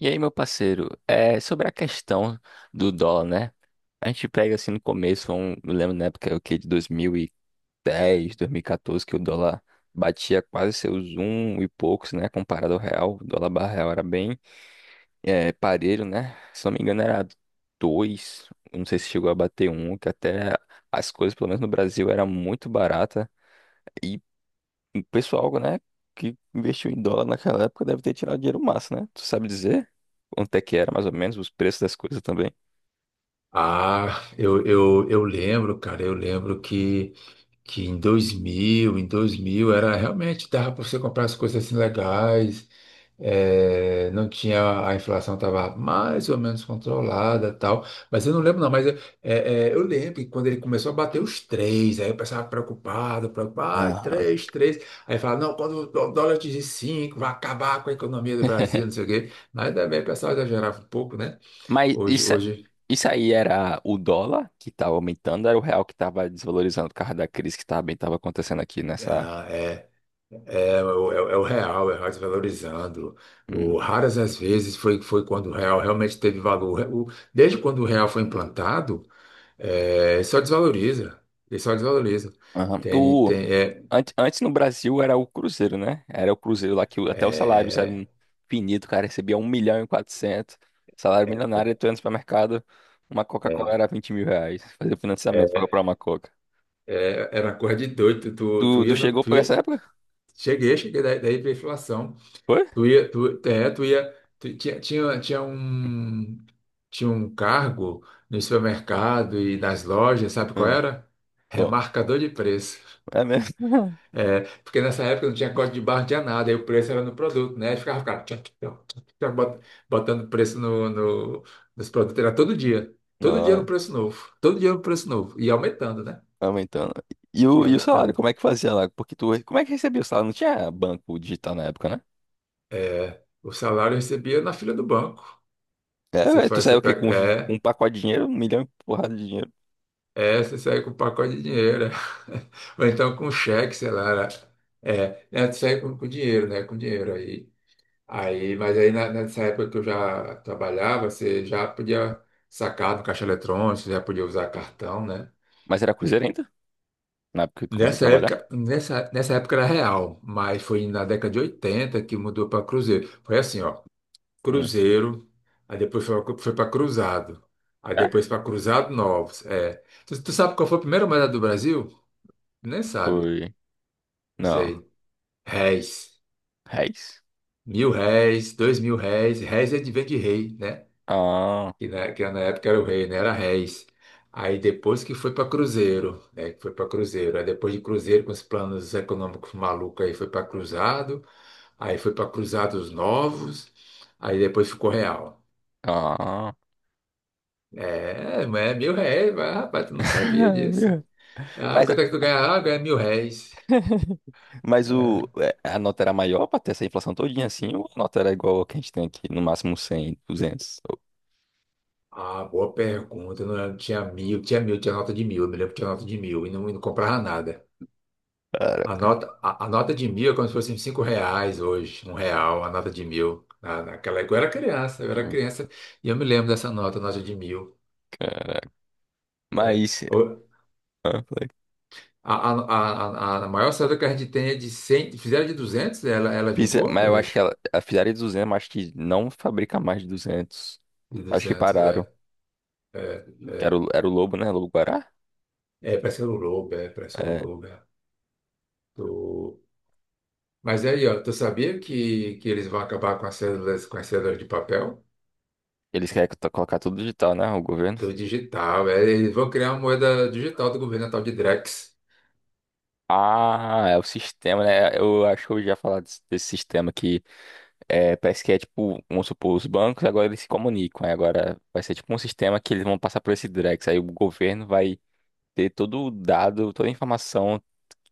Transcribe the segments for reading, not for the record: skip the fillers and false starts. E aí, meu parceiro, é sobre a questão do dólar, né? A gente pega assim no começo, eu lembro na época o que, de dois mil e dez, dois mil e 2014, que o dólar batia quase seus um e poucos, né? Comparado ao real, o dólar barra real era bem parelho, né? Se não me engano, era dois, não sei se chegou a bater um, que até as coisas, pelo menos no Brasil, era muito barata. E o pessoal, né, que investiu em dólar naquela época deve ter tirado dinheiro massa, né? Tu sabe dizer quanto é que era, mais ou menos, os preços das coisas também? Ah, eu lembro, cara, eu lembro que em dois mil, era realmente, dava para você comprar as coisas assim legais, não tinha, a inflação estava mais ou menos controlada tal, mas eu não lembro não, eu lembro que quando ele começou a bater os três, aí eu pensava preocupado, preocupado, ah, Aham. três, três, aí falava, não, quando o dólar atingir cinco, vai acabar com a economia do Brasil, não sei o quê, mas também o pessoal exagerava um pouco, né? Mas Hoje, isso, hoje... isso aí era o dólar que estava aumentando, era o real que estava desvalorizando por causa da crise que também estava acontecendo aqui nessa. Ah, é. É o real, é o real desvalorizando. Hum. Raras as vezes foi, foi quando o real realmente teve valor. Desde quando o real foi implantado, ele só desvaloriza. Ele só desvaloriza. Aham. Tem, Antes no Brasil era o Cruzeiro, né? Era o Cruzeiro lá que até os salários é, eram finitos, o cara recebia 1.400.000, salário milionário, tu ia no supermercado, uma Coca-Cola é, era R$ 20.000, fazer financiamento pra é, comprar uma Coca. Era uma coisa de doido. Tu, Tu, tu tu ia, chegou tu por essa ia, época? cheguei, cheguei daí, daí para inflação. Foi? Tu ia, tu- tinha, tinha, tinha um, tinha um cargo no supermercado e nas lojas, sabe qual Hã, era? qual? Remarcador de preço. É mesmo? É, porque nessa época não tinha código de barra, não tinha nada, aí o preço era no produto, né? Aí ficava tchac, tchac, tchac, tchac, botando preço nos produtos, era todo dia. Todo dia no Nossa, preço novo, todo dia no preço novo, e aumentando, né? aumentando. E E o, e o salário, aumentando. como é que fazia lá? Porque tu, como é que recebia o salário? Não tinha banco digital na época, né? É, o salário eu recebia na fila do banco. É, velho, tu saiu Você o quê? Pega, Com um é. pacote de dinheiro, um milhão e porrada de dinheiro. É, você sai com um pacote de dinheiro. Ou então com cheque, sei lá. É, né, tu sai com dinheiro, né? Com dinheiro aí. Aí, mas aí nessa época que eu já trabalhava, você já podia sacar do caixa eletrônico, você já podia usar cartão, né? Mas era Cruzeiro ainda? Na época que tu começou a trabalhar? Nessa época era real, mas foi na década de 80 que mudou para Cruzeiro. Foi assim, ó, Hum. Cruzeiro, aí depois foi para Cruzado, aí É? depois para Cruzado Novos. É. Tu sabe qual foi a primeira moeda do Brasil? Nem sabe. Foi. Sei. Não. Réis. Reis? Mil réis, dois mil réis. Réis é vem de rei, né? Ah, Que na época era o rei, né? Era réis. Aí depois que foi para Cruzeiro, né? Que foi para Cruzeiro. Aí depois de Cruzeiro, com os planos econômicos malucos, aí foi para Cruzado. Aí foi para Cruzados Novos. Aí depois ficou real. ah. É, mas é mil réis. Mas, rapaz, tu não sabia disso. Meu. Ah, Mas, quanto é que tu ganha? Ah, ganha mil réis. mas É, o, é, a nota era maior pra ter essa inflação todinha assim, ou a nota era igual a que a gente tem aqui, no máximo 100, 200? Oh, ah, boa pergunta. Eu não lembro. Tinha mil, tinha nota de mil. Eu me lembro que tinha nota de mil e não comprava nada. A caraca. nota, a, a nota de mil é como se fosse R$ 5 hoje, R$ 1, a nota de mil. Naquela época eu era Hum. criança e eu me lembro dessa nota, nota de mil. Caraca. É, Mas, é, falei. a, a, a maior saída que a gente tem é de 100, fizeram de 200, ela vingou? Mas eu É, acho que ela, a fizeram de 200, mas acho que não fabrica mais de 200. de Acho que 200. pararam. É. Que É, era o Lobo, né? Lobo Guará? é, é, parece que era o Lobo, é, parece que era o É, Lobo. É. Mas aí, ó, tu sabia que eles vão acabar com as cédulas de papel? eles querem colocar tudo digital, né? O governo. Tudo digital, é, eles vão criar uma moeda digital do governo, a tal de Drex. Ah, é o sistema, né? Eu acho que eu já falar desse sistema parece que é tipo, vamos supor, os bancos agora eles se comunicam, aí agora vai ser tipo um sistema que eles vão passar por esse Drex, aí o governo vai ter todo o dado, toda a informação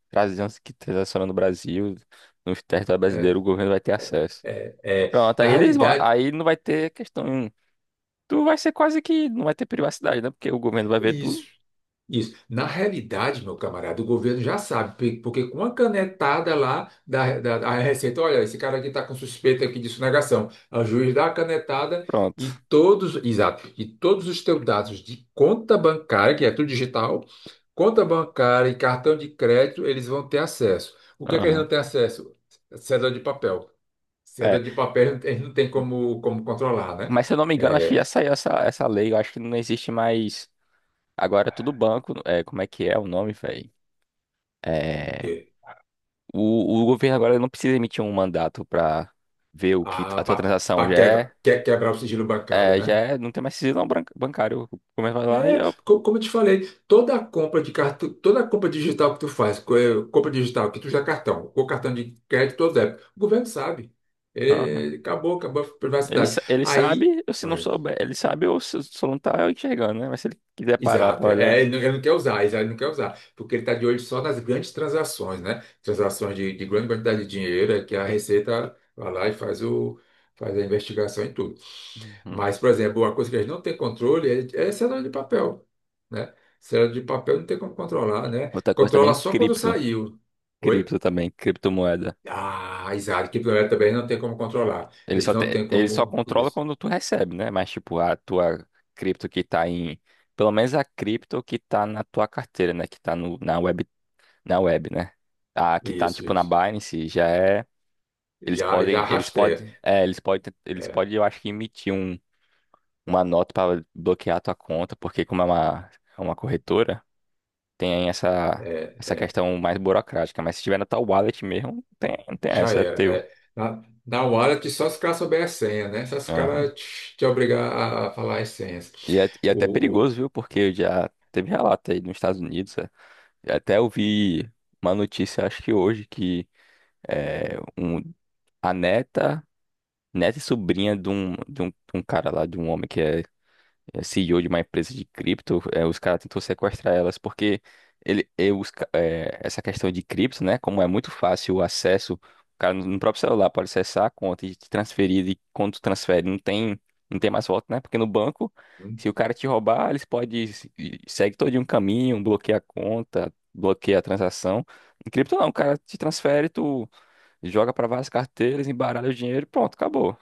trazendo que transaciona no Brasil, no território brasileiro, o É, governo vai ter acesso. é, é. Pronto, Na realidade, aí não vai ter questão, tu vai ser quase que não vai ter privacidade, né? Porque o governo vai ver isso. tudo, Isso. Na realidade, meu camarada, o governo já sabe, porque com a canetada lá da Receita, olha, esse cara aqui está com suspeita aqui de sonegação. O juiz dá a canetada pronto. e todos, exato, e todos os teus dados de conta bancária, que é tudo digital, conta bancária e cartão de crédito, eles vão ter acesso. O que é que eles Aham. não têm acesso? Cédula de papel. Cédula de papel eles não têm como controlar, né? Mas se eu não me engano, acho que já É, saiu essa lei. Eu acho que não existe mais. Agora é tudo banco. É, como é que é o nome, velho? o É, quê? o governo agora não precisa emitir um mandato pra ver o que a Ah, tua transação para já é. Quebrar o sigilo bancário, É, já né? é, não tem mais sigilo não, bancário. Começa lá e É, eu. Como eu te falei, toda compra de cartão, toda compra digital que tu faz, compra digital que tu usa cartão, ou cartão de crédito ou débito, o governo sabe. Aham. É, acabou, acabou a Ele, privacidade. sa- ele Aí, sabe, ou se não é, souber, ele sabe ou se só não tá enxergando, né? Mas se ele quiser parar pra exato, olhar. é, ele não quer usar, ele não quer usar, porque ele está de olho só nas grandes transações, né? Transações de grande quantidade de dinheiro, é que a Receita vai lá e faz a investigação e tudo. Uhum. Mas, por exemplo, uma coisa que a gente não tem controle é cédula de papel, né? Cédula de papel não tem como controlar, né? Outra coisa Controla também, só quando cripto. saiu. Oi? Cripto também, criptomoeda. Ah, exato. Que planeta também não tem como controlar. Ele Eles só, não te- têm ele só como... controla Isso, quando tu recebe, né? Mas, tipo, a tua cripto que tá em. Pelo menos a cripto que tá na tua carteira, né? Que tá no, na web, né? A que tá, isso, tipo, na isso. Binance já é. Eles Já podem. Eles rastreia. podem. É, eles podem. Eles É, podem, eu acho que emitir uma nota pra bloquear a tua conta, porque como é é uma corretora, tem essa, é, essa é. questão mais burocrática. Mas se tiver na tua wallet mesmo, não tem, Já essa, é era. teu. É. Na wallet, só se os caras souberem a senha, né? Só se os caras te obrigar a falar as senhas. E é até O, o, perigoso, viu? Porque já teve relato aí nos Estados Unidos. É. Eu até ouvi uma notícia, acho que hoje, é, um, a neta, neta e sobrinha de um cara lá, de um homem que é CEO de uma empresa de cripto, os caras tentou sequestrar elas, porque ele, eh, os ca- eh, essa questão de cripto, né? Como é muito fácil o acesso, o cara no próprio celular pode acessar a conta e te transferir, e quando tu transfere, não tem mais volta, né? Porque no banco, se o cara te roubar, eles podem segue todo um caminho, bloqueia a conta, bloqueia a transação. Em cripto não, o cara te transfere, tu joga para várias carteiras, embaralha o dinheiro e pronto, acabou.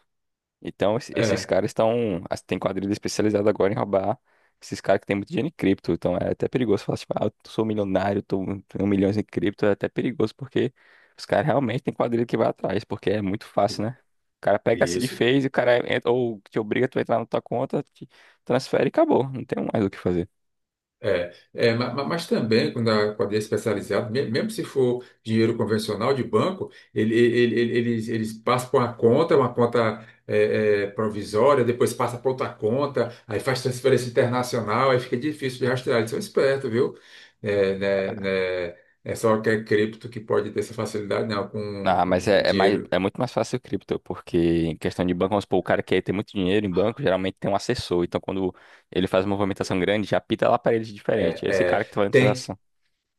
Então, esses é, caras estão. Tem quadrilha especializada agora em roubar esses caras que tem muito dinheiro em cripto. Então, é até perigoso falar, tipo, ah, eu sou milionário, tô, tenho milhões em cripto. É até perigoso, porque os caras realmente têm quadrilha que vai atrás, porque é muito fácil, né? O cara pega a seed isso. phase, o cara entra, ou te obriga a tu entrar na tua conta, te transfere e acabou. Não tem mais o que fazer. É, é, mas, também quando a quadrilha é especializada, mesmo se for dinheiro convencional de banco, eles passam por uma conta provisória, depois passa para outra conta, aí faz transferência internacional, aí fica difícil de rastrear. Eles são espertos, viu? É, né, é só que é cripto que pode ter essa facilidade, não, com, Ah, mas com é mais, dinheiro. é muito mais fácil o cripto, porque em questão de banco, vamos supor, o cara que tem muito dinheiro em banco, geralmente tem um assessor. Então, quando ele faz uma movimentação grande, já pita lá para ele de diferente. É esse É, cara que tá é, fazendo a tem. transação.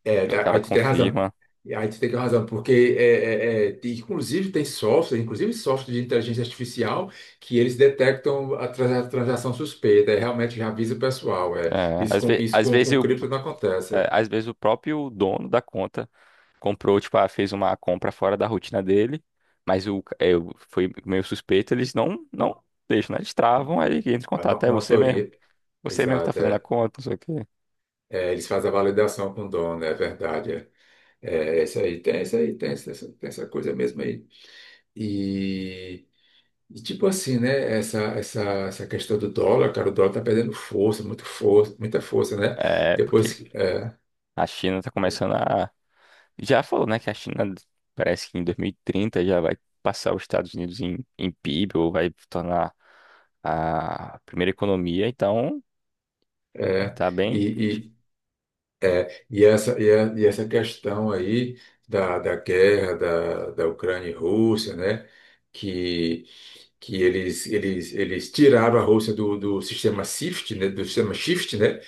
É, E o tá, cara aí tu tem razão. confirma. E aí tu tem razão, porque inclusive tem software, inclusive software de inteligência artificial, que eles detectam a transação suspeita, é, realmente já avisa o pessoal. É, É, às, ve isso às com, vezes com cripto não acontece. É. Às vezes o próprio dono da conta comprou, tipo, ah, fez uma compra fora da rotina dele, mas o, ca- é, o- foi meio suspeito, eles não deixam, né? Eles travam, aí entra em A contato. É você notoria, mesmo. Você mesmo que tá exato. fazendo a É, conta, não sei o quê. é, eles fazem a validação com o dono, é verdade. É, é, isso aí, tem, tem essa coisa mesmo aí. E tipo assim, né? Essa questão do dólar, cara, o dólar tá perdendo força, muito força, muita força, né? É, porque Depois que. É, a China tá começando a. Já falou, né, que a China parece que em 2030 já vai passar os Estados Unidos em, PIB ou vai tornar a primeira economia, então é, tá e, bem. e, e essa questão aí da guerra da Ucrânia e Rússia, né? Que eles tiraram a Rússia do sistema SWIFT, né, do sistema SWIFT, né,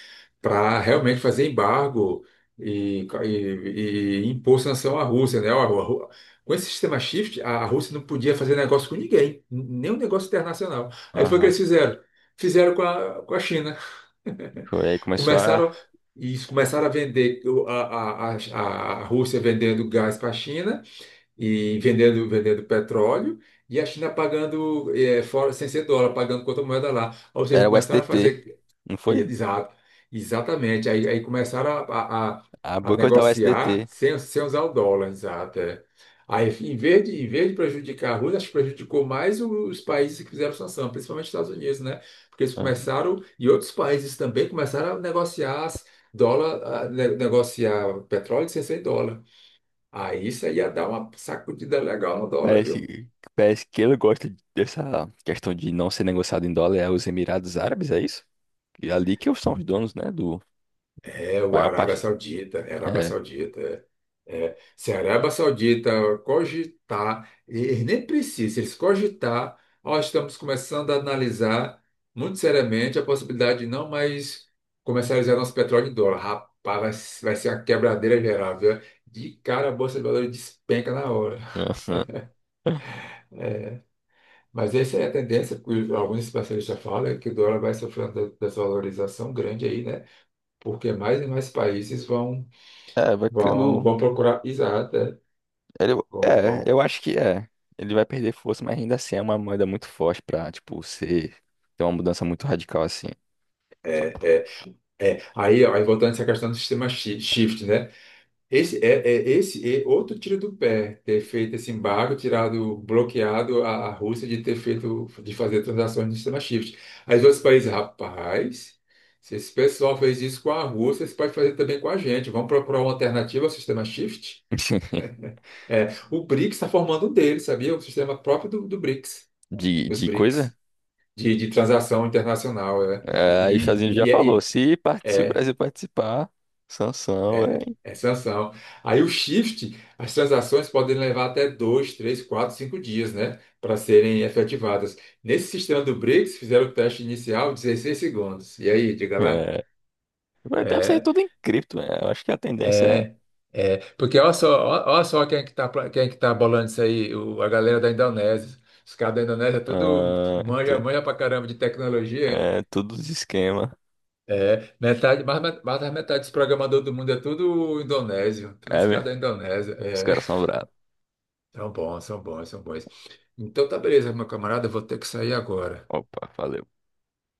para realmente fazer embargo e impor sanção à Rússia, né? Ó, a com esse sistema SWIFT, a Rússia não podia fazer negócio com ninguém, nem um negócio internacional. Aí foi o que eles Aham. fizeram. Fizeram com a China. Foi aí começou Começaram, a. e começaram a vender o- a Rússia vendendo gás para a China e vendendo, vendendo petróleo, e a China pagando fora, sem ser dólar, pagando contra moeda lá. Ou seja, Era o S D começaram a T. fazer. Não foi? Exato, exatamente. Aí, aí começaram A a boicotar o S negociar SDT. sem, sem usar o dólar, exato. É. Aí, em vez de prejudicar a Rússia, acho que prejudicou mais os países que fizeram sanção, principalmente os Estados Unidos, né? Porque eles Aham. começaram, e outros países também começaram a negociar dólar, a negociar petróleo sem ser dólar. Aí isso aí ia dar uma sacudida legal no dólar, viu? Parece que ele gosta dessa questão de não ser negociado em dólar é os Emirados Árabes, é isso? E ali que são os donos, né, do É o maior parte. Arábia É. Saudita. É. É. Se a Arábia Saudita cogitar, e nem precisa, se eles cogitar, nós estamos começando a analisar muito seriamente a possibilidade de não mais comercializar nosso petróleo em dólar. Rapaz, vai, vai ser a quebradeira geral, viu? De cara a Bolsa de Valores despenca na hora. Aham. Mas essa é a tendência que alguns especialistas falam, é que o dólar vai sofrer uma desvalorização grande aí, né? Porque mais e mais países vão, É, vai vão, criando. vão procurar, exato, é, Ele, vão, vão. eu acho que é. Ele vai perder força, mas ainda assim é uma moeda muito forte pra, tipo, ser, ter uma mudança muito radical assim. Só- É, aí, ó, aí voltando a essa questão do sistema shift, né? Esse é, é esse é outro tiro do pé, ter feito esse embargo, tirado, bloqueado a Rússia de ter feito, de fazer transações no sistema shift. Aí os outros países, rapaz, se esse pessoal fez isso com a Rússia, eles podem fazer também com a gente. Vamos procurar uma alternativa ao sistema shift? É, o BRICS está formando um deles, sabia? O sistema próprio do BRICS, De, os de coisa? BRICS. De transação internacional, né? É, E, aí os Estados Unidos já e, falou, e- se o Brasil participar, sanção, vai. é sanção. Aí o shift, as transações podem levar até dois, três, quatro, cinco dias, né, para serem efetivadas. Nesse sistema do BRICS, fizeram o teste inicial 16 segundos. E aí, diga lá. É, deve ser É, tudo em cripto, né? Eu acho que a tendência é, é, é. Porque olha só, olha só quem é que tá, quem é que tá bolando isso aí, a galera da Indonésia. Os caras da Indonésia tudo ah, manja, tu- manja pra caramba de tecnologia. é tudo de esquema. É, metade, mais, mais da metade dos programadores do mundo é tudo indonésio, todos É os caras mesmo? da Indonésia. Os É, caras são bravos. são bons, são bons, são bons. Então tá beleza, meu camarada, eu vou ter que sair agora. Opa, valeu.